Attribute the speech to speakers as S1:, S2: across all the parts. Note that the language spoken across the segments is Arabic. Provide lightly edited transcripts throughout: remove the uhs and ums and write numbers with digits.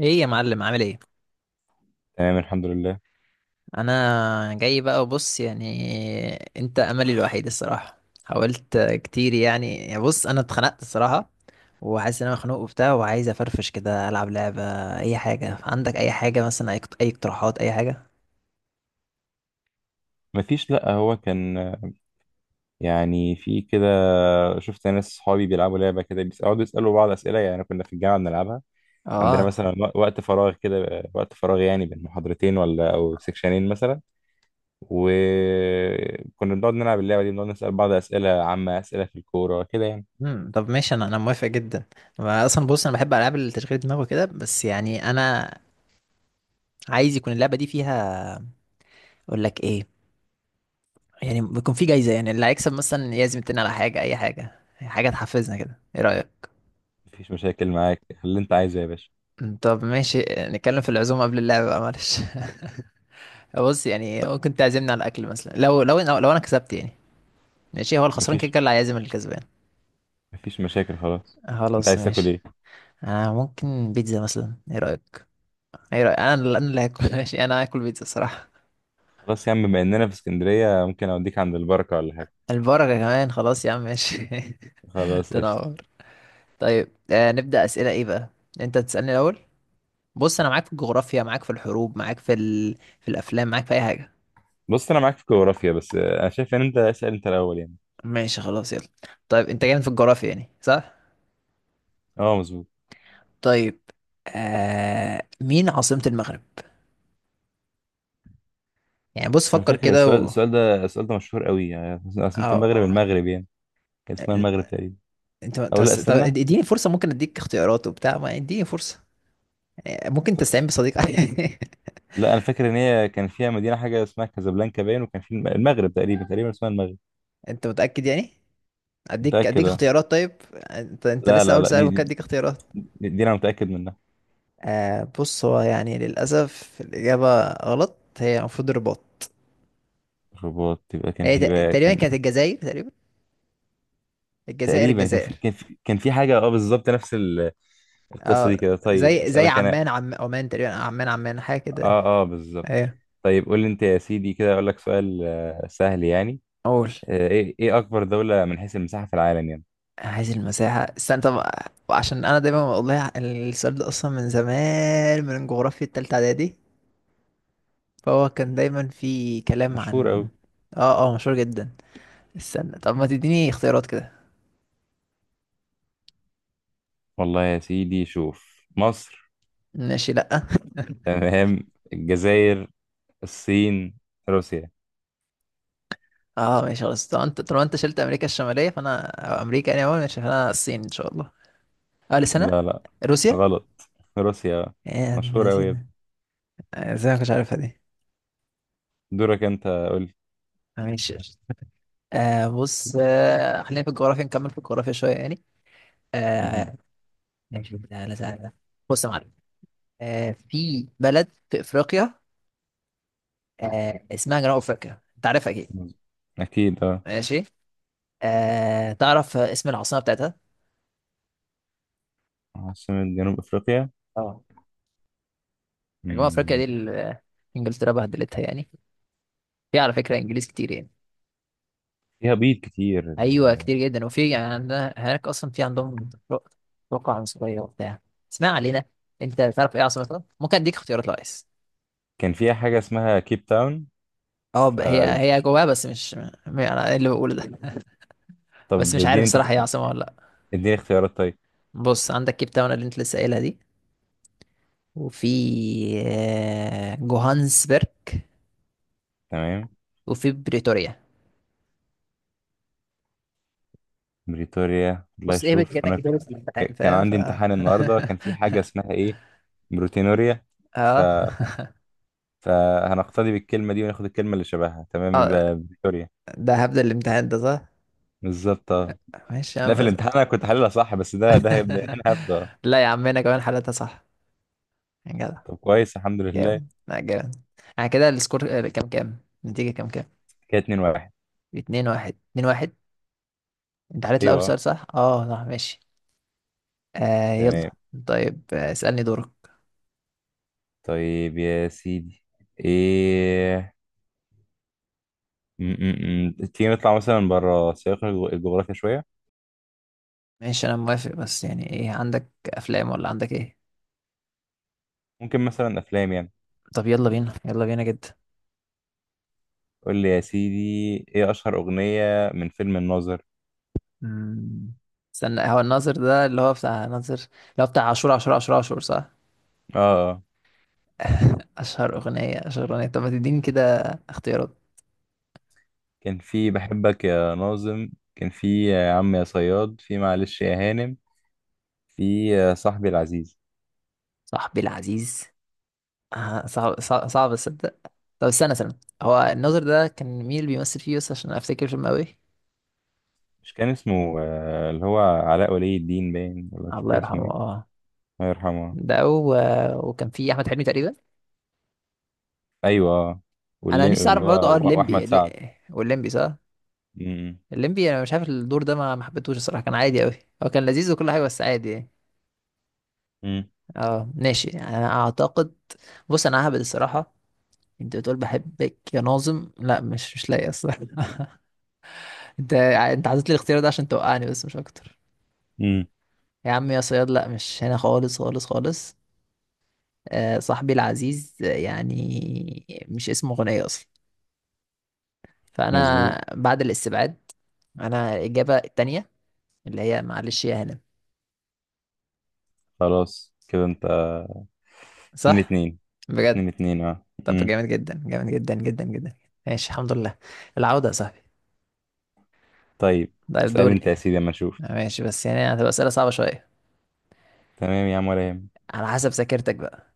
S1: ايه يا معلم، عامل ايه؟
S2: تمام الحمد لله.
S1: انا جاي بقى وبص يعني، انت املي الوحيد الصراحه. حاولت كتير يعني بص انا اتخنقت الصراحه، وحاسس ان انا مخنوق وبتاع، وعايز افرفش كده، العب لعبه اي حاجه. عندك اي حاجه مثلا؟ اي اقتراحات اي حاجه.
S2: مفيش، لأ هو كان يعني في كده. شفت ناس صحابي بيلعبوا لعبة كده، بيقعدوا يسألوا بعض أسئلة، يعني كنا في الجامعة بنلعبها. عندنا
S1: اه.
S2: مثلا وقت فراغ كده، وقت فراغ يعني بين محاضرتين ولا أو سكشنين مثلا، وكنا بنقعد نلعب اللعبة دي، بنقعد نسأل بعض أسئلة عامة، أسئلة في الكورة كده يعني.
S1: طب ماشي، انا موافق جدا. أنا اصلا بص انا بحب العاب التشغيل دماغ وكده، بس يعني انا عايز يكون اللعبه دي فيها، اقول لك ايه، يعني بيكون في جايزه، يعني اللي هيكسب مثلا يعزم التاني على حاجه، اي حاجه، حاجه تحفزنا كده. ايه رايك؟
S2: مفيش مشاكل معاك، اللي أنت عايزه يا باشا.
S1: طب ماشي، نتكلم في العزومة قبل اللعبة بقى، معلش. بص يعني ممكن تعزمني على الأكل مثلا، لو أنا كسبت يعني. ماشي هو الخسران كده
S2: مفيش
S1: كده اللي هيعزم الكسبان.
S2: مفيش مشاكل، خلاص. أنت
S1: خلاص
S2: عايز تاكل
S1: ماشي.
S2: إيه؟
S1: أنا ممكن بيتزا مثلا، إيه رأيك؟ إيه رأيك؟ أنا اللي هاكل ماشي، أنا هاكل بيتزا صراحة.
S2: خلاص يا عم، بما إننا في اسكندرية ممكن أوديك عند البركة ولا حاجة.
S1: البركة كمان، خلاص يا عم ماشي.
S2: خلاص، قشطة.
S1: تنور. طيب، نبدأ أسئلة إيه بقى؟ أنت تسألني الأول. بص أنا معاك في الجغرافيا، معاك في الحروب، معاك في الأفلام معاك في أي حاجة.
S2: بص انا معاك في الجغرافيا، بس انا شايف ان انت اسال انت الاول يعني.
S1: ماشي خلاص يلا. طيب أنت جامد في الجغرافيا يعني، صح؟
S2: اه، مظبوط.
S1: طيب. مين عاصمة المغرب؟ يعني بص
S2: انا
S1: فكر
S2: فاكر
S1: كده
S2: السؤال
S1: و...
S2: السؤال ده السؤال ده مشهور قوي، يعني عاصمة المغرب،
S1: اه.
S2: المغرب يعني كان اسمها
S1: ال-
S2: المغرب تقريبا.
S1: انت
S2: او لا،
S1: بس، طب
S2: استنى.
S1: اديني فرصة، ممكن اديك اختيارات وبتاع، ما اديني فرصة. ممكن
S2: طيب.
S1: تستعين بصديق.
S2: لا، انا فاكر ان هي كان فيها مدينة، حاجة اسمها كازابلانكا باين، وكان في المغرب، تقريبا تقريبا اسمها المغرب.
S1: انت متأكد يعني؟ اديك
S2: متأكد،
S1: اديك
S2: اه.
S1: اختيارات طيب. انت
S2: لا
S1: لسه
S2: لا
S1: اول
S2: لا،
S1: سؤال،
S2: دي
S1: ممكن
S2: دي,
S1: اديك اختيارات.
S2: دي, دي انا متأكد منها.
S1: بص، هو يعني للأسف الإجابة غلط، هي المفروض الرباط.
S2: الرباط، يبقى كان
S1: هي
S2: في بقى،
S1: تقريبا
S2: كان
S1: كانت الجزائر، تقريبا. الجزائر،
S2: تقريبا، كان في
S1: الجزائر.
S2: كان في كان في حاجة، اه بالظبط نفس القصة
S1: اه.
S2: دي كده. طيب
S1: زي
S2: اسألك انا.
S1: عمان، عمان تقريبا، عمان عمان حاجة كده.
S2: اه اه، بالظبط.
S1: ايوه.
S2: طيب قول لي انت يا سيدي، كده اقول لك سؤال سهل يعني.
S1: اقول.
S2: ايه اكبر دولة من حيث المساحة في العالم يعني؟
S1: عايز المساحة، استنى طب. عشان انا دايما بقول لها، السؤال ده اصلا من زمان، من جغرافيا التالتة اعدادي، فهو كان دايما في كلام
S2: مشهور قوي.
S1: عن. اه اه، مشهور جدا. استنى طب ما تديني اختيارات كده.
S2: والله يا سيدي، شوف، مصر،
S1: ماشي لا
S2: تمام، الجزائر، الصين، روسيا.
S1: اه ماشي خلاص، طب انت طالما انت شلت امريكا الشمالية فانا، أو امريكا يعني اول، ماشي فانا الصين ان شاء الله. اه لسنة.
S2: لا لا،
S1: روسيا.
S2: غلط، روسيا.
S1: يا ابن
S2: مشهور قوي يا ابني.
S1: الذين. ازاي ما كنتش عارفها دي؟
S2: دورك، انت قول لي.
S1: ماشي. بص، خلينا في الجغرافيا، نكمل في الجغرافيا شوية يعني.
S2: مهم.
S1: آه ماشي، لا لا سهل ده. بص يا معلم، في بلد في افريقيا، اسمها جنوب افريقيا، انت عارفها اكيد.
S2: مظبوط. اكيد اه.
S1: ماشي. تعرف اسم العاصمه بتاعتها؟
S2: عاصمة جنوب افريقيا.
S1: اه. جنوب افريقيا
S2: مم.
S1: دي انجلترا بهدلتها يعني. في على فكره انجليز كتير يعني.
S2: فيها بيض كتير
S1: ايوه كتير جدا، وفي يعني عندنا هناك اصلا، في عندهم توقع عنصريه وبتاع. اسمع علينا. انت تعرف ايه عاصمتها؟ ممكن اديك اختيارات لو عايز.
S2: كان فيها حاجة اسمها كيب تاون.
S1: اه
S2: ف...
S1: هي جواها، بس مش انا إيه اللي بقوله ده؟ بس
S2: طب
S1: مش عارف
S2: اديني انت،
S1: الصراحه، هي عاصمه ولا لا.
S2: اديني اختيارات طيب.
S1: بص عندك كيب تاون اللي انت لسه قايلها دي، وفي جوهانسبرج،
S2: تمام،
S1: وفي بريتوريا.
S2: بريتوريا. الله
S1: بص ايه،
S2: يشوف انا.
S1: كأنك جاوبت في الامتحان
S2: كان
S1: فاهم،
S2: عندي امتحان النهارده، كان في حاجه اسمها ايه، بروتينوريا. ف
S1: اه.
S2: فهنقتدي بالكلمه دي وناخد الكلمه اللي شبهها تمام،
S1: اه
S2: يبقى بريتوريا.
S1: ده هبدأ الامتحان ده، صح؟
S2: بالظبط، اه.
S1: ماشي يا
S2: ده
S1: عم.
S2: في الامتحان انا كنت حللها صح، بس ده هيبدا، هنا هبدا.
S1: لا يا عم انا كمان حالتها صح، يا جدع.
S2: طب كويس، الحمد لله.
S1: جامد، لا جامد. يعني كده السكور كام كام؟ النتيجة كام كام؟
S2: كده 2-1.
S1: اتنين واحد، اتنين واحد. انت حليت الأول
S2: ايوه، آه.
S1: سؤال صح، اه صح ماشي.
S2: تمام.
S1: يلا. طيب، اسألني دورك.
S2: طيب يا سيدي ايه، م- م- م. تيجي نطلع مثلا بره سياق الجغرافيا شويه.
S1: ماشي انا موافق، بس يعني ايه، عندك افلام ولا عندك ايه؟
S2: ممكن مثلا افلام يعني.
S1: طب يلا بينا، يلا بينا جدا.
S2: قول لي يا سيدي، ايه اشهر اغنية من فيلم الناظر؟
S1: مم. استنى، هو الناظر ده اللي هو بتاع ناظر، اللي هو بتاع عاشور، عاشور، عاشور، عاشور، صح؟
S2: اه اه،
S1: اشهر اغنية، اشهر اغنية، طب ما تديني كده اختيارات.
S2: كان في بحبك يا ناظم، كان في يا عم يا صياد، في معلش يا هانم، في يا صاحبي العزيز.
S1: صاحبي العزيز. صعب، صعب, صعب اصدق. طب استنى، استنى هو الناظر ده كان مين اللي بيمثل فيه بس عشان افتكر، فيلم قوي.
S2: مش كان اسمه اللي هو علاء ولي الدين باين، ولا مش
S1: الله
S2: فاكر
S1: يرحمه،
S2: اسمه ايه؟
S1: اه.
S2: الله يرحمه.
S1: ده و... وكان فيه احمد حلمي تقريبا.
S2: ايوه، آه.
S1: انا
S2: واللي
S1: نفسي
S2: اللي
S1: اعرف
S2: هو
S1: برضه، اه الليمبي
S2: واحمد سعد.
S1: والليمبي، صح.
S2: امم
S1: الليمبي، انا مش عارف الدور ده، ما حبيتهوش الصراحه، كان عادي قوي. هو كان لذيذ وكل حاجه، بس عادي يعني.
S2: امم
S1: اه ماشي يعني، انا اعتقد. بص انا ههبد الصراحه. انت بتقول بحبك يا ناظم؟ لا مش لاقي اصلا انت حطيت لي الاختيار ده عشان توقعني، بس مش اكتر.
S2: أمم.
S1: يا عم يا صياد، لا مش هنا خالص خالص خالص. صاحبي العزيز، يعني مش اسمه غنية اصلا.
S2: مظبوط.
S1: فانا بعد الاستبعاد، انا الاجابه التانية، اللي هي معلش يا هنا.
S2: خلاص، كده انت. اتنين
S1: صح؟
S2: اتنين
S1: بجد؟
S2: 2-2، اه.
S1: طب
S2: امم.
S1: جامد جدا، جامد جدا جدا جدا. ماشي الحمد لله. العوده يا صاحبي.
S2: طيب
S1: طيب
S2: اسأل
S1: دوري.
S2: انت يا سيدي اما نشوف.
S1: ماشي، بس يعني هتبقى أسئلة صعبة شوية،
S2: تمام يا عم، ولا يهمك.
S1: على حسب ذاكرتك بقى.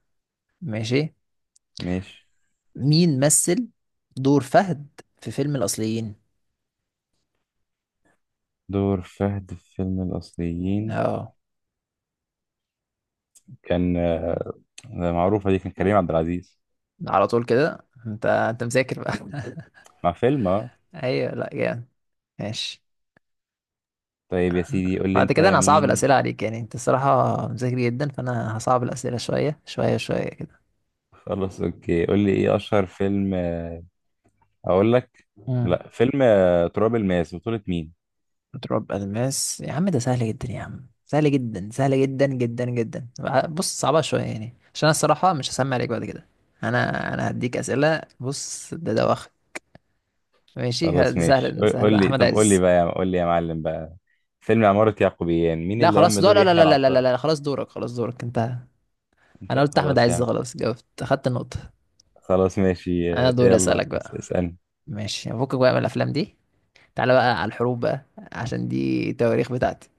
S1: ماشي.
S2: ماشي.
S1: مين مثل دور فهد في فيلم الأصليين؟
S2: دور فهد في فيلم الأصليين
S1: اه.
S2: كان ده، معروفة دي، كان كريم عبد العزيز،
S1: على طول كده، انت مذاكر بقى
S2: مع فيلم، اه.
S1: ايوه، لا جامد. ماشي.
S2: طيب يا سيدي، قول لي
S1: بعد
S2: أنت
S1: كده انا هصعب
S2: مين.
S1: الأسئلة عليك، يعني انت الصراحة مذاكر جدا، فانا هصعب الأسئلة شوية شوية شوية كده.
S2: خلاص أوكي، قول لي إيه أشهر فيلم أقول لك.
S1: مم.
S2: لا، فيلم تراب الماس بطولة مين؟
S1: تراب الماس يا عم، ده سهل جدا يا عم، سهل جدا، سهل جدا جدا جدا. بص صعبة شوية يعني، عشان انا الصراحة مش هسمع عليك بعد كده. انا هديك اسئلة، بص ده واخد. ماشي
S2: خلاص
S1: ده
S2: ماشي،
S1: سهل، ده
S2: قول
S1: سهل،
S2: قول
S1: ده
S2: لي،
S1: احمد
S2: طب قول لي
S1: عز.
S2: بقى، قول لي يا معلم بقى، فيلم عمارة يعقوبيان مين
S1: لا
S2: اللي قام
S1: خلاص دور،
S2: بدور
S1: لا لا
S2: يحيى
S1: لا لا لا لا
S2: العطار؟
S1: لا، خلاص دورك انت. انا
S2: أنت
S1: قلت احمد
S2: خلاص يا
S1: عز
S2: عم.
S1: خلاص، جاوبت، اخدت النقطة.
S2: خلاص ماشي،
S1: انا دوري
S2: يلا
S1: اسألك بقى.
S2: اسألني.
S1: ماشي فكك بقى من الافلام دي، تعالى بقى على الحروب بقى، عشان دي التواريخ بتاعتي.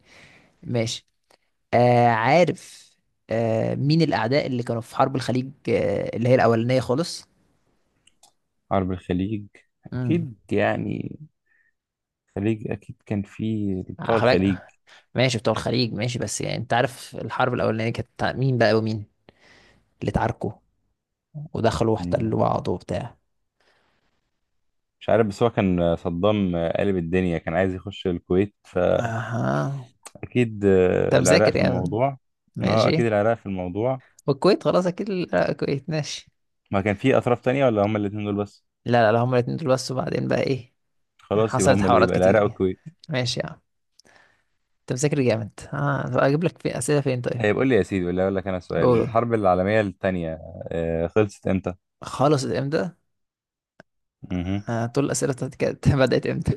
S1: ماشي. عارف، مين الأعداء اللي كانوا في حرب الخليج، اللي هي الأولانية خالص؟
S2: حرب الخليج،
S1: امم
S2: أكيد يعني الخليج، اكيد كان في بتوع الخليج.
S1: خلاك. ماشي بتوع الخليج، ماشي بس يعني أنت عارف الحرب الأولانية كانت بتاع مين بقى، ومين اللي اتعاركوا ودخلوا
S2: مم.
S1: واحتلوا بعض وبتاع؟
S2: مش عارف، بس هو كان صدام قلب الدنيا، كان عايز يخش الكويت،
S1: اها.
S2: فاكيد
S1: انت
S2: العراق
S1: مذاكر
S2: في
S1: يعني.
S2: الموضوع. اه اكيد
S1: ماشي.
S2: العراق في الموضوع.
S1: والكويت خلاص اكيد، لا، الكويت ماشي.
S2: ما كان في اطراف تانية ولا هما الاتنين دول بس؟
S1: لا لا لا، هما الاتنين دول بس، وبعدين بقى ايه؟
S2: خلاص، يبقى
S1: حصلت
S2: هما اللي
S1: حوارات
S2: يبقى
S1: كتير
S2: العراق
S1: يعني.
S2: والكويت.
S1: ماشي يا عم. انت مذاكر جامد، اه طب اجيب لك في اسئله فين طيب؟
S2: طيب قول لي يا سيدي، ولا اقول لك انا سؤال،
S1: قول، قول.
S2: الحرب العالمية التانية خلصت امتى؟
S1: خلصت امتى؟
S2: مهم.
S1: طول الأسئلة بتاعتي كانت بدأت امتى؟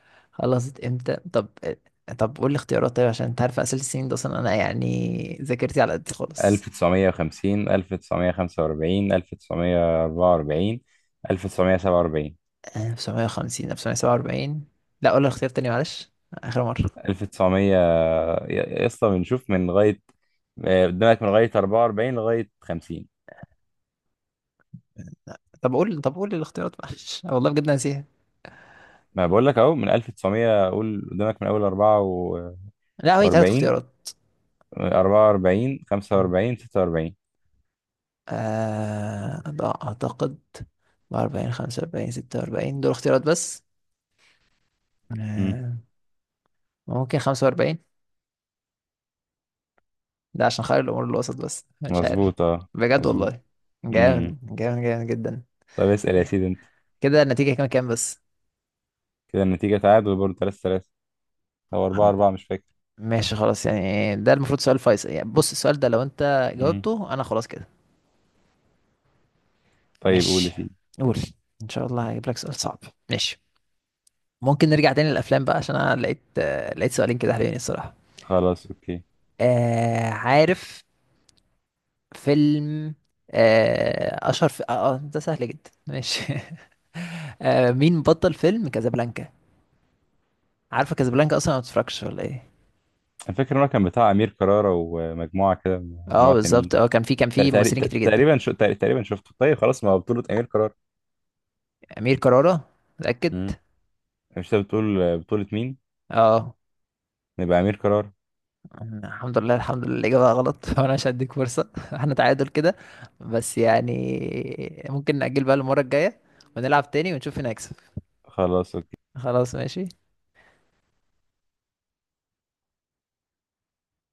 S1: خلصت امتى؟ طب طب قول لي اختيارات طيب، عشان انت عارف أسئلة السنين ده أصلا، أنا يعني ذاكرتي على قد خالص.
S2: 1950، 1945، 1944، 1947،
S1: 1950، 1947. لا قول لي الاختيار تاني، معلش آخر مرة.
S2: 1900. يا اسطى بنشوف من لغاية، قدامك من لغاية 44 لغاية 50.
S1: طب قول لي الاختيارات، معلش أنا والله بجد ناسيها.
S2: ما بقول لك اهو من 1900، قول قدامك من اول 44.
S1: لا هي تلات اختيارات.
S2: 44،
S1: مم.
S2: 45، 46.
S1: ده أعتقد 44 45 46 دول اختيارات بس.
S2: امم.
S1: آه ممكن 45، ده عشان خير الامور الوسط، بس مش عارف.
S2: مظبوط اه،
S1: بجد
S2: مظبوط.
S1: والله.
S2: امم.
S1: جامد جامد جامد جدا.
S2: طب اسأل يا
S1: إيه.
S2: سيدي انت.
S1: كده النتيجة كام كام بس؟
S2: كده النتيجة تعادل برضه 3-3 او 4
S1: عم-
S2: 4 مش فاكر.
S1: ماشي خلاص، يعني ده المفروض سؤال فيصل، يعني بص السؤال ده لو انت
S2: امم.
S1: جاوبته انا خلاص كده.
S2: طيب قول يا
S1: ماشي.
S2: سيدي.
S1: قول. ان شاء الله هجيب لك سؤال صعب. ماشي. ممكن نرجع تاني للافلام بقى، عشان انا لقيت سؤالين كده حلوين الصراحة.
S2: خلاص اوكي.
S1: عارف، فيلم، آه اشهر في... آه آه، ده سهل جدا ماشي مين بطل فيلم كازابلانكا؟ عارفه كازابلانكا اصلا؟ ما بتتفرجش ولا ايه؟
S2: انا فاكر إن هو كان بتاع امير كرارة ومجموعة كده،
S1: اه
S2: مجموعة تانيين.
S1: بالظبط، اه كان في ممثلين كتير جدا.
S2: تقريبا شفته. طيب خلاص، ما هو بطولة أمير قرار.
S1: امير كرارة. متاكد؟
S2: امم. مش انت بتقول بطولة مين؟
S1: اه.
S2: نبقى أمير قرار.
S1: الحمد لله، الحمد لله الاجابه غلط وانا مش هديك فرصه احنا تعادل كده، بس يعني ممكن نأجل بقى المره الجايه، ونلعب تاني، ونشوف مين هيكسب.
S2: خلاص
S1: خلاص ماشي.